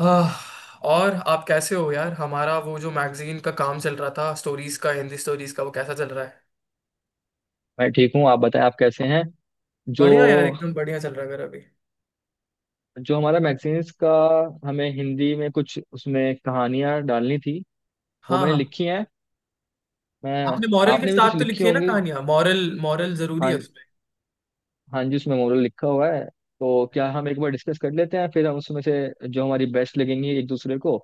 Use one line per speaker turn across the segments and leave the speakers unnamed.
आह, और आप कैसे हो, यार? हमारा वो जो मैगजीन का काम चल रहा था, स्टोरीज का, हिंदी स्टोरीज का, वो कैसा चल रहा है?
मैं ठीक हूँ। आप बताएं, आप कैसे हैं? जो
बढ़िया यार, एकदम बढ़िया चल रहा है मेरा अभी।
जो हमारा मैगजीन्स का, हमें हिंदी में कुछ उसमें कहानियां डालनी थी, वो
हाँ
मैंने
हाँ,
लिखी हैं। मैं
आपने मॉरल के
आपने भी कुछ
साथ तो
लिखी
लिखी है ना
होंगी।
कहानियां? मॉरल, मॉरल जरूरी है
हाँ।
उसमें।
हाँ जी, उसमें मोरल लिखा हुआ है। तो क्या हम एक बार डिस्कस कर लेते हैं, फिर हम उसमें से जो हमारी बेस्ट लगेंगी एक दूसरे को,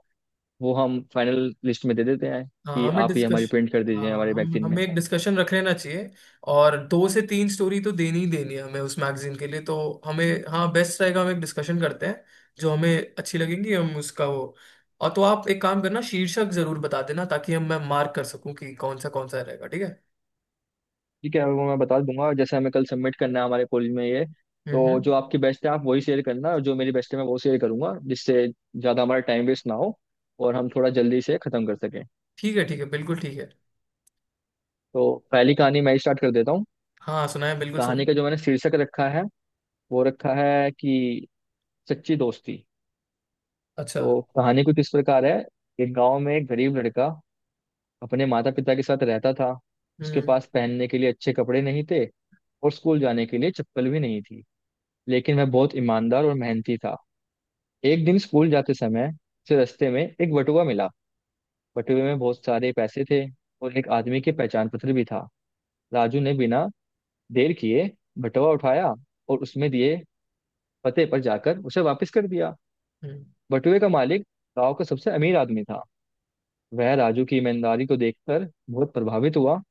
वो हम फाइनल लिस्ट में दे देते हैं
हाँ,
कि
हमें
आप ये हमारी
डिस्कशन।
प्रिंट कर
हाँ,
दीजिए हमारे
हम
मैगजीन में।
हमें एक डिस्कशन रख लेना चाहिए। और दो से तीन स्टोरी तो देनी ही देनी है हमें उस मैगजीन के लिए तो। हमें, हाँ बेस्ट रहेगा, हम एक डिस्कशन करते हैं। जो हमें अच्छी लगेंगी हम उसका वो। और तो आप एक काम करना, शीर्षक जरूर बता देना ताकि हम, मैं मार्क कर सकूं कि कौन सा रहेगा। ठीक है?
ठीक है, वो मैं बता दूंगा। जैसे हमें कल सबमिट करना है हमारे कॉलेज में ये, तो
हम्म
जो
हम्म।
आपकी बेस्ट है आप वही शेयर करना और जो मेरी बेस्ट है मैं वो शेयर करूंगा, जिससे ज़्यादा हमारा टाइम वेस्ट ना हो और हम थोड़ा जल्दी से ख़त्म कर सकें।
ठीक है ठीक है, बिल्कुल ठीक है।
तो पहली कहानी मैं स्टार्ट कर देता हूँ।
हाँ सुनाए, बिल्कुल
कहानी
सुनाए।
का जो मैंने शीर्षक रखा है, वो रखा है कि सच्ची दोस्ती।
अच्छा।
तो कहानी कुछ इस प्रकार है। एक गाँव में एक गरीब लड़का अपने माता पिता के साथ रहता था। उसके
हम्म।
पास पहनने के लिए अच्छे कपड़े नहीं थे और स्कूल जाने के लिए चप्पल भी नहीं थी, लेकिन वह बहुत ईमानदार और मेहनती था। एक दिन स्कूल जाते समय से रास्ते में एक बटुआ मिला। बटुए में बहुत सारे पैसे थे और एक आदमी के पहचान पत्र भी था। राजू ने बिना देर किए बटुआ उठाया और उसमें दिए पते पर जाकर उसे वापस कर दिया।
हम्म।
बटुए का मालिक गांव का सबसे अमीर आदमी था। वह राजू की ईमानदारी को देखकर बहुत प्रभावित हुआ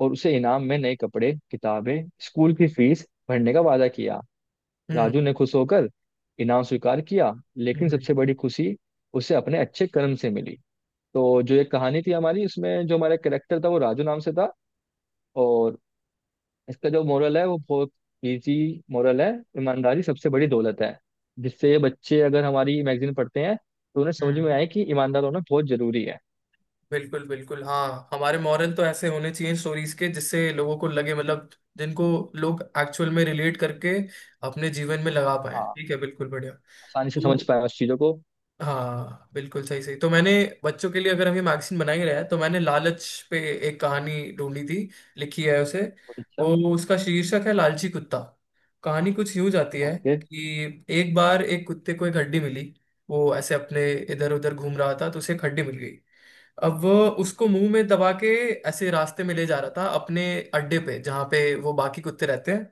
और उसे इनाम में नए कपड़े, किताबें, स्कूल की फीस भरने का वादा किया।
हम्म।
राजू ने खुश होकर इनाम स्वीकार किया, लेकिन
हम्म।
सबसे बड़ी खुशी उसे अपने अच्छे कर्म से मिली। तो जो ये कहानी थी हमारी, इसमें जो हमारा कैरेक्टर था वो राजू नाम से था। और इसका जो मोरल है वो बहुत इजी मोरल है। ईमानदारी सबसे बड़ी दौलत है, जिससे ये बच्चे अगर हमारी मैगजीन पढ़ते हैं तो उन्हें समझ
हम्म।
में आए कि ईमानदार होना बहुत जरूरी है।
बिल्कुल बिल्कुल, हाँ, हमारे मॉरल तो ऐसे होने चाहिए स्टोरीज के, जिससे लोगों को लगे, मतलब जिनको लोग एक्चुअल में रिलेट करके अपने जीवन में लगा पाए।
हाँ,
ठीक है, बिल्कुल बढ़िया।
आसानी से समझ
तो
पाए उस चीज़ों को।
हाँ, बिल्कुल सही सही। तो मैंने बच्चों के लिए, अगर हम ये मैगजीन बना ही रहे हैं, तो मैंने लालच पे एक कहानी ढूंढी थी, लिखी है उसे।
बहुत अच्छा।
वो, उसका शीर्षक है लालची कुत्ता। कहानी कुछ यूं जाती है
ओके।
कि एक बार एक कुत्ते को एक हड्डी मिली। वो ऐसे अपने इधर उधर घूम रहा था, तो उसे एक हड्डी मिल गई। अब वो उसको मुंह में दबा के ऐसे रास्ते में ले जा रहा था, अपने अड्डे पे जहाँ पे वो बाकी कुत्ते रहते हैं।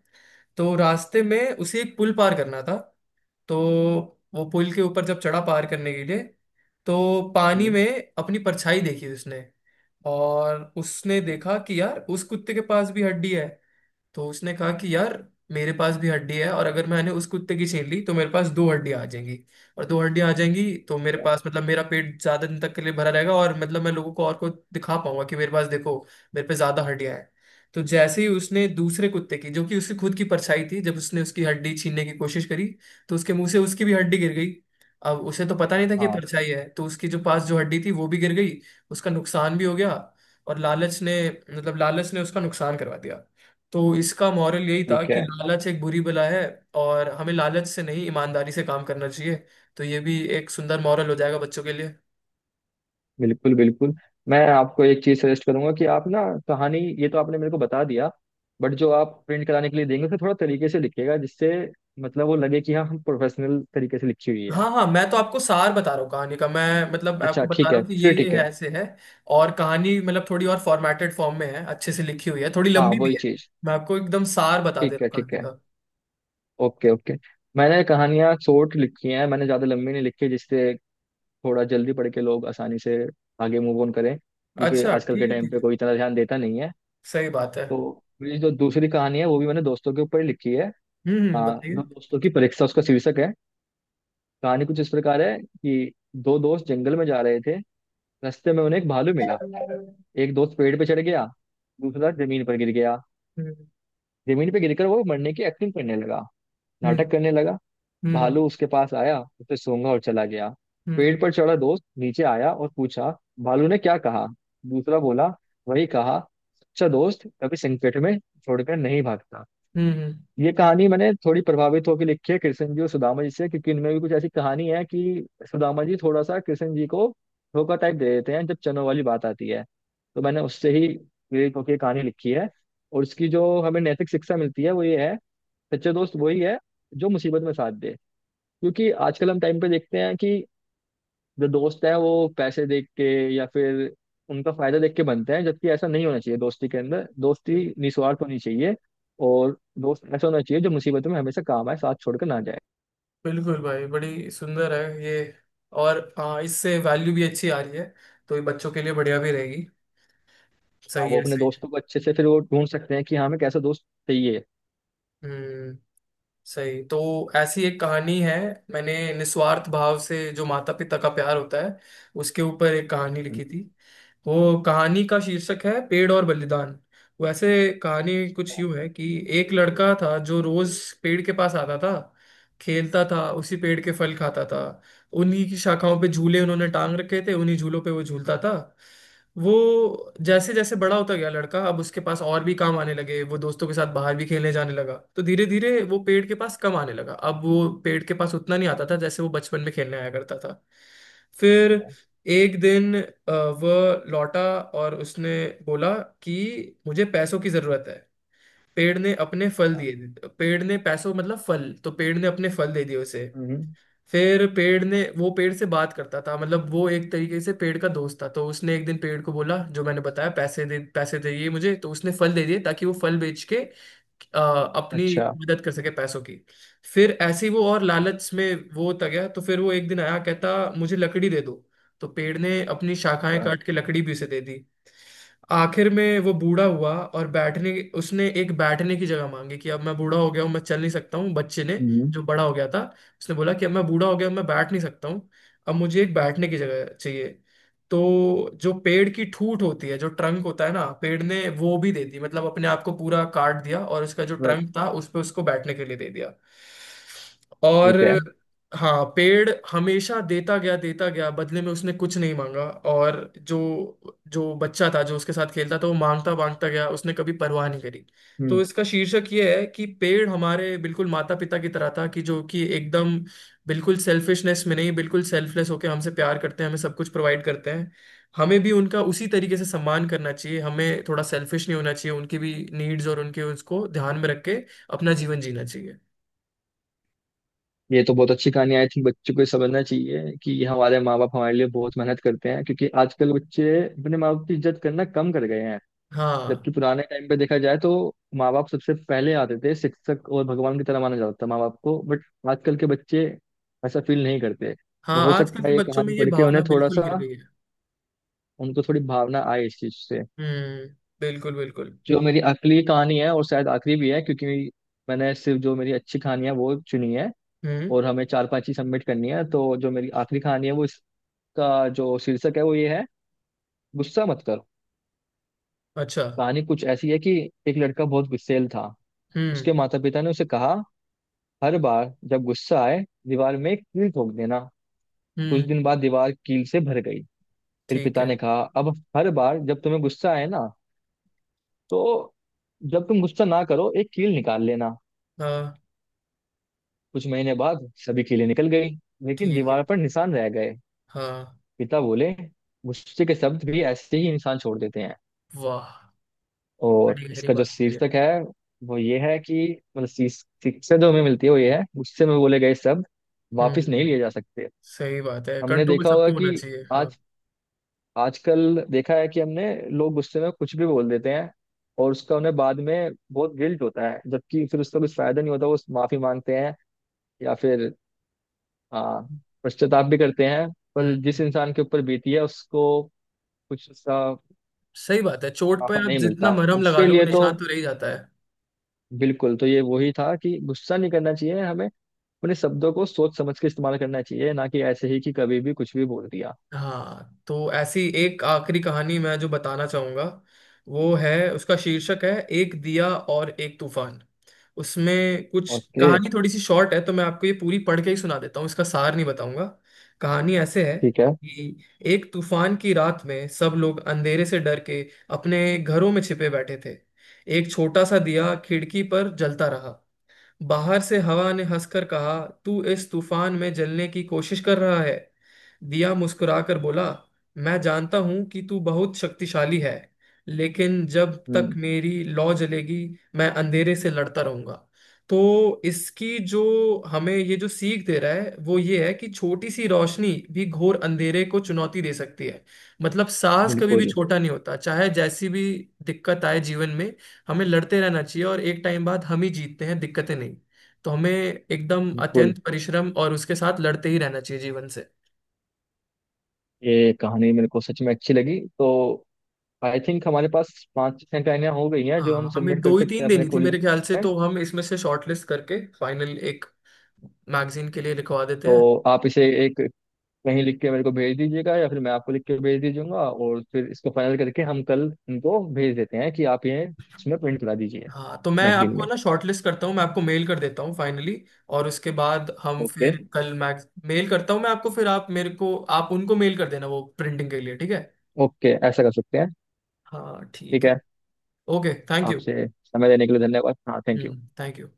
तो रास्ते में उसे एक पुल पार करना था। तो वो पुल के ऊपर जब चढ़ा पार करने के लिए, तो पानी
हम्म।
में अपनी परछाई देखी उसने। और उसने
ठीक
देखा कि यार, उस कुत्ते के पास भी हड्डी है। तो उसने कहा कि यार, मेरे पास भी हड्डी है, और अगर मैंने उस कुत्ते की छीन ली तो मेरे पास दो हड्डियां आ जाएंगी। और दो हड्डियां आ जाएंगी तो मेरे
है।
पास, मतलब मेरा पेट ज्यादा दिन तक के लिए भरा रहेगा, और मतलब मैं लोगों को और को दिखा पाऊंगा कि मेरे पास देखो, मेरे पे ज्यादा हड्डियां हैं। तो जैसे ही उसने दूसरे कुत्ते की, जो कि उसकी खुद की परछाई थी, जब उसने उसकी हड्डी छीनने की कोशिश करी, तो उसके मुंह से उसकी भी हड्डी गिर गई। अब उसे तो पता नहीं था कि ये
हाँ।
परछाई है, तो उसकी जो पास जो हड्डी थी वो भी गिर गई। उसका नुकसान भी हो गया। और लालच ने, मतलब लालच ने उसका नुकसान करवा दिया। तो इसका मॉरल यही था
ठीक
कि
है।
लालच एक बुरी बला है, और हमें लालच से नहीं ईमानदारी से काम करना चाहिए। तो ये भी एक सुंदर मॉरल हो जाएगा बच्चों के लिए।
बिल्कुल, बिल्कुल। मैं आपको एक चीज सजेस्ट करूंगा कि आप ना, कहानी ये तो आपने मेरे को बता दिया, बट जो आप प्रिंट कराने के लिए देंगे उसे थोड़ा तरीके से लिखिएगा, जिससे मतलब वो लगे कि हाँ हम प्रोफेशनल तरीके से लिखी हुई है।
हाँ हाँ, मैं तो आपको सार बता रहा हूँ कहानी का। मैं मतलब
अच्छा,
आपको बता
ठीक
रहा
है।
हूँ कि ये
फिर
ये
ठीक
है,
है।
ऐसे है। और कहानी मतलब थोड़ी और फॉर्मेटेड फॉर्म में है, अच्छे से लिखी हुई है, थोड़ी
हाँ,
लंबी भी
वही
है।
चीज।
मैं आपको एकदम सार बता दे
ठीक
रहा
है,
हूँ
ठीक
कहानी
है।
का।
Okay, okay. मैंने कहानियां शॉर्ट लिखी हैं, मैंने ज्यादा लंबी नहीं लिखी, जिससे थोड़ा जल्दी पढ़ के लोग आसानी से आगे मूव ऑन करें, क्योंकि
अच्छा
आजकल
ठीक
के
है
टाइम
ठीक
पे
है।
कोई इतना ध्यान देता नहीं है।
सही बात है।
तो मेरी जो दूसरी कहानी है वो भी मैंने दोस्तों के ऊपर ही लिखी है। हाँ,
बताइए।
दो दोस्तों की परीक्षा उसका शीर्षक है। कहानी कुछ इस प्रकार है कि दो दोस्त जंगल में जा रहे थे। रास्ते में उन्हें एक भालू मिला।
हम्म।
एक दोस्त पेड़ पे चढ़ गया, दूसरा जमीन पर गिर गया।
हम्म।
जमीन पे गिरकर वो मरने की एक्टिंग करने लगा, नाटक
हम्म।
करने लगा।
हम्म।
भालू उसके पास आया, उसे सूंघा और चला गया। पेड़
हम्म
पर चढ़ा दोस्त नीचे आया और पूछा, भालू ने क्या कहा? दूसरा बोला, वही कहा, सच्चा दोस्त कभी संकट में छोड़कर नहीं भागता।
हम्म, हम्म।
ये कहानी मैंने थोड़ी प्रभावित होकर लिखी है कृष्ण जी और सुदामा जी से, क्योंकि इनमें भी कुछ ऐसी कहानी है कि सुदामा जी थोड़ा सा कृष्ण जी को धोखा टाइप दे देते हैं जब चनों वाली बात आती है। तो मैंने उससे ही प्रेरित होकर ये कहानी लिखी है। और इसकी जो हमें नैतिक शिक्षा मिलती है वो ये है, सच्चे दोस्त वही है जो मुसीबत में साथ दे। क्योंकि आजकल हम टाइम पे देखते हैं कि जो दोस्त है वो पैसे देख के या फिर उनका फायदा देख के बनते हैं, जबकि ऐसा नहीं होना चाहिए। दोस्ती के अंदर दोस्ती निस्वार्थ होनी चाहिए और दोस्त ऐसा होना चाहिए जो मुसीबतों में हमेशा काम आए, साथ छोड़कर ना जाए।
बिल्कुल भाई, बड़ी सुंदर है ये। और हाँ, इससे वैल्यू भी अच्छी आ रही है, तो ये बच्चों के लिए बढ़िया भी रहेगी।
हाँ,
सही
वो
है
अपने
सही है।
दोस्तों को अच्छे से फिर वो ढूंढ सकते हैं कि हाँ हमें कैसा दोस्त चाहिए।
हम्म। सही। तो ऐसी एक कहानी है, मैंने निस्वार्थ भाव से जो माता पिता का प्यार होता है, उसके ऊपर एक कहानी लिखी थी। वो कहानी का शीर्षक है पेड़ और बलिदान। वैसे कहानी कुछ यूं है कि एक लड़का था जो रोज पेड़ के पास आता था, खेलता था, उसी पेड़ के फल खाता था। उन्हीं की शाखाओं पे झूले उन्होंने टांग रखे थे, उन्हीं झूलों पे वो झूलता था। वो जैसे जैसे बड़ा होता गया लड़का, अब उसके पास और भी काम आने लगे, वो दोस्तों के साथ बाहर भी खेलने जाने लगा, तो धीरे धीरे वो पेड़ के पास कम आने लगा। अब वो पेड़ के पास उतना नहीं आता था जैसे वो बचपन में खेलने आया करता था। फिर एक दिन वह लौटा, और उसने बोला कि मुझे पैसों की जरूरत है। पेड़ ने अपने फल दिए। पेड़ ने पैसों, मतलब फल, तो पेड़ ने अपने फल दे दिए उसे।
हम्म।
फिर पेड़ ने, वो पेड़ से बात करता था, मतलब वो एक तरीके से पेड़ का दोस्त था। तो उसने एक दिन पेड़ को बोला, जो मैंने बताया, पैसे दे, पैसे चाहिए मुझे, तो उसने फल दे दिए ताकि वो फल बेच के अ, अपनी
अच्छा।
मदद कर सके पैसों की। फिर ऐसे ही वो और लालच में वो होता गया, तो फिर वो एक दिन आया कहता मुझे लकड़ी दे दो। तो पेड़ ने अपनी शाखाएं
अच्छा,
काट के लकड़ी भी उसे दे दी। आखिर में वो बूढ़ा हुआ और बैठने, उसने एक बैठने की जगह मांगी कि अब मैं बूढ़ा हो गया हूँ, मैं चल नहीं सकता हूँ। बच्चे ने,
हम्म।
जो बड़ा हो गया था, उसने बोला कि अब मैं बूढ़ा हो गया हूं, मैं बैठ नहीं सकता हूँ, अब मुझे एक बैठने की जगह चाहिए। तो जो पेड़ की ठूट होती है, जो ट्रंक होता है ना, पेड़ ने वो भी दे दी, मतलब अपने आप को पूरा काट दिया, और उसका जो
वे-
ट्रंक था उस पर उसको बैठने के लिए दे दिया। और
ठीक है।
हाँ, पेड़ हमेशा देता गया देता गया, बदले में उसने कुछ नहीं मांगा। और जो, जो बच्चा था जो उसके साथ खेलता था, वो मांगता मांगता गया, उसने कभी परवाह नहीं करी। तो
हम्म।
इसका शीर्षक ये है कि पेड़ हमारे बिल्कुल माता पिता की तरह था, कि जो कि एकदम बिल्कुल सेल्फिशनेस में नहीं, बिल्कुल सेल्फलेस होके हमसे प्यार करते हैं, हमें सब कुछ प्रोवाइड करते हैं। हमें भी उनका उसी तरीके से सम्मान करना चाहिए, हमें थोड़ा सेल्फिश नहीं होना चाहिए, उनकी भी नीड्स और उनके उसको ध्यान में रख के अपना जीवन जीना चाहिए।
ये तो बहुत अच्छी कहानी, आई थिंक बच्चों को ये समझना चाहिए कि हमारे माँ बाप हमारे लिए बहुत मेहनत करते हैं, क्योंकि आजकल बच्चे अपने माँ बाप की इज्जत करना कम कर गए हैं।
हाँ।
जबकि पुराने टाइम पे देखा जाए तो माँ बाप सबसे पहले आते थे, शिक्षक और भगवान की तरह माना जाता था माँ बाप को, बट आजकल के बच्चे ऐसा फील नहीं करते, तो
हाँ,
हो
आजकल
सकता
के
है ये
बच्चों में
कहानी
ये
पढ़ के
भावना
उन्हें थोड़ा
बिल्कुल गिर
सा,
गई है।
उनको थोड़ी भावना आए इस चीज से।
हम्म, बिल्कुल बिल्कुल।
जो मेरी अगली कहानी है और शायद आखिरी भी है, क्योंकि मैंने सिर्फ जो मेरी अच्छी कहानी है वो चुनी है
हम्म।
और हमें चार पांच ही सबमिट करनी है, तो जो मेरी आखिरी कहानी है वो, इसका जो शीर्षक है वो ये है, गुस्सा मत करो।
अच्छा।
कहानी कुछ ऐसी है कि एक लड़का बहुत गुस्सेल था।
हम्म।
उसके माता पिता ने उसे कहा, हर बार जब गुस्सा आए दीवार में एक कील ठोक देना। कुछ
हम्म।
दिन बाद दीवार कील से भर गई। फिर
ठीक
पिता
है।
ने कहा, अब हर बार जब तुम्हें गुस्सा आए ना, तो जब तुम गुस्सा ना करो एक कील निकाल लेना।
हाँ।
कुछ महीने बाद सभी कीलें निकल गई, लेकिन
ठीक है।
दीवार पर निशान रह गए।
हाँ।
पिता बोले, गुस्से के शब्द भी ऐसे ही निशान छोड़ देते हैं।
वाह।
और
बड़ी गहरी
इसका जो
बात बोली है।
शीर्षक है वो ये है कि, मतलब शिक्षा जो हमें मिलती है वो ये है, गुस्से में बोले गए शब्द वापस नहीं
हम्म।
लिए जा सकते।
सही बात है,
हमने
कंट्रोल
देखा होगा
सबको होना
कि
चाहिए। हाँ।
आज, आजकल देखा है कि हमने, लोग गुस्से में कुछ भी बोल देते हैं और उसका उन्हें बाद में बहुत गिल्ट होता है, जबकि फिर उसका कुछ फायदा नहीं होता। वो माफी मांगते हैं या फिर आ, पश्चाताप भी करते हैं, पर जिस
हम्म।
इंसान के ऊपर बीती है उसको कुछ उसका
सही बात है, चोट
मुनाफा
पर आप
नहीं
जितना
मिलता
मरहम
उसके
लगा लो
लिए। तो
निशान तो रह ही जाता है।
बिल्कुल, तो ये वही था कि गुस्सा नहीं करना चाहिए हमें, अपने शब्दों को सोच समझ के इस्तेमाल करना चाहिए, ना कि ऐसे ही कि कभी भी कुछ भी बोल दिया।
हाँ, तो ऐसी एक आखिरी कहानी मैं जो बताना चाहूंगा, वो है, उसका शीर्षक है एक दिया और एक तूफान। उसमें कुछ
ओके।
कहानी थोड़ी सी शॉर्ट है, तो मैं आपको ये पूरी पढ़ के ही सुना देता हूँ, इसका सार नहीं बताऊंगा। कहानी ऐसे है
ठीक है।
कि एक तूफान की रात में सब लोग अंधेरे से डर के अपने घरों में छिपे बैठे थे। एक छोटा सा दिया खिड़की पर जलता रहा। बाहर से हवा ने हंसकर कहा, तू इस तूफान में जलने की कोशिश कर रहा है? दिया मुस्कुराकर बोला, मैं जानता हूं कि तू बहुत शक्तिशाली है, लेकिन जब तक
हम्म।
मेरी लौ जलेगी मैं अंधेरे से लड़ता रहूंगा। तो इसकी जो, हमें ये जो सीख दे रहा है वो ये है कि छोटी सी रोशनी भी घोर अंधेरे को चुनौती दे सकती है। मतलब साहस कभी भी
बिल्कुल,
छोटा नहीं होता, चाहे जैसी भी दिक्कत आए जीवन में हमें लड़ते रहना चाहिए, और एक टाइम बाद हम ही जीतते हैं दिक्कतें नहीं। तो हमें एकदम
बिल्कुल।
अत्यंत परिश्रम और उसके साथ लड़ते ही रहना चाहिए जीवन से।
ये कहानी मेरे को सच में अच्छी लगी, तो आई थिंक हमारे पास पांच छह कहानियां हो गई हैं जो हम
हाँ, हमें
सबमिट कर
दो ही
सकते
तीन
हैं अपने
देनी थी
कॉलेज
मेरे ख्याल से,
में।
तो हम इसमें से शॉर्टलिस्ट करके फाइनल एक मैगजीन के लिए लिखवा देते हैं।
तो आप इसे एक कहीं लिख के मेरे को भेज दीजिएगा या फिर मैं आपको लिख के भेज दीजूंगा, और फिर इसको फाइनल करके हम कल इनको भेज देते हैं कि आप ये इसमें प्रिंट करा दीजिए
हाँ, तो मैं
मैगजीन
आपको
में।
ना शॉर्टलिस्ट करता हूँ, मैं आपको मेल कर देता हूँ फाइनली, और उसके बाद हम
ओके।
फिर कल मैग, मेल करता हूँ मैं आपको, फिर आप मेरे को, आप उनको मेल कर देना वो प्रिंटिंग के लिए। ठीक है?
ओके, ऐसा कर सकते हैं।
हाँ ठीक
ठीक
है।
है।
Okay, thank you.
आपसे समय देने के लिए धन्यवाद, हाँ, थैंक यू।
हम्म, थैंक यू।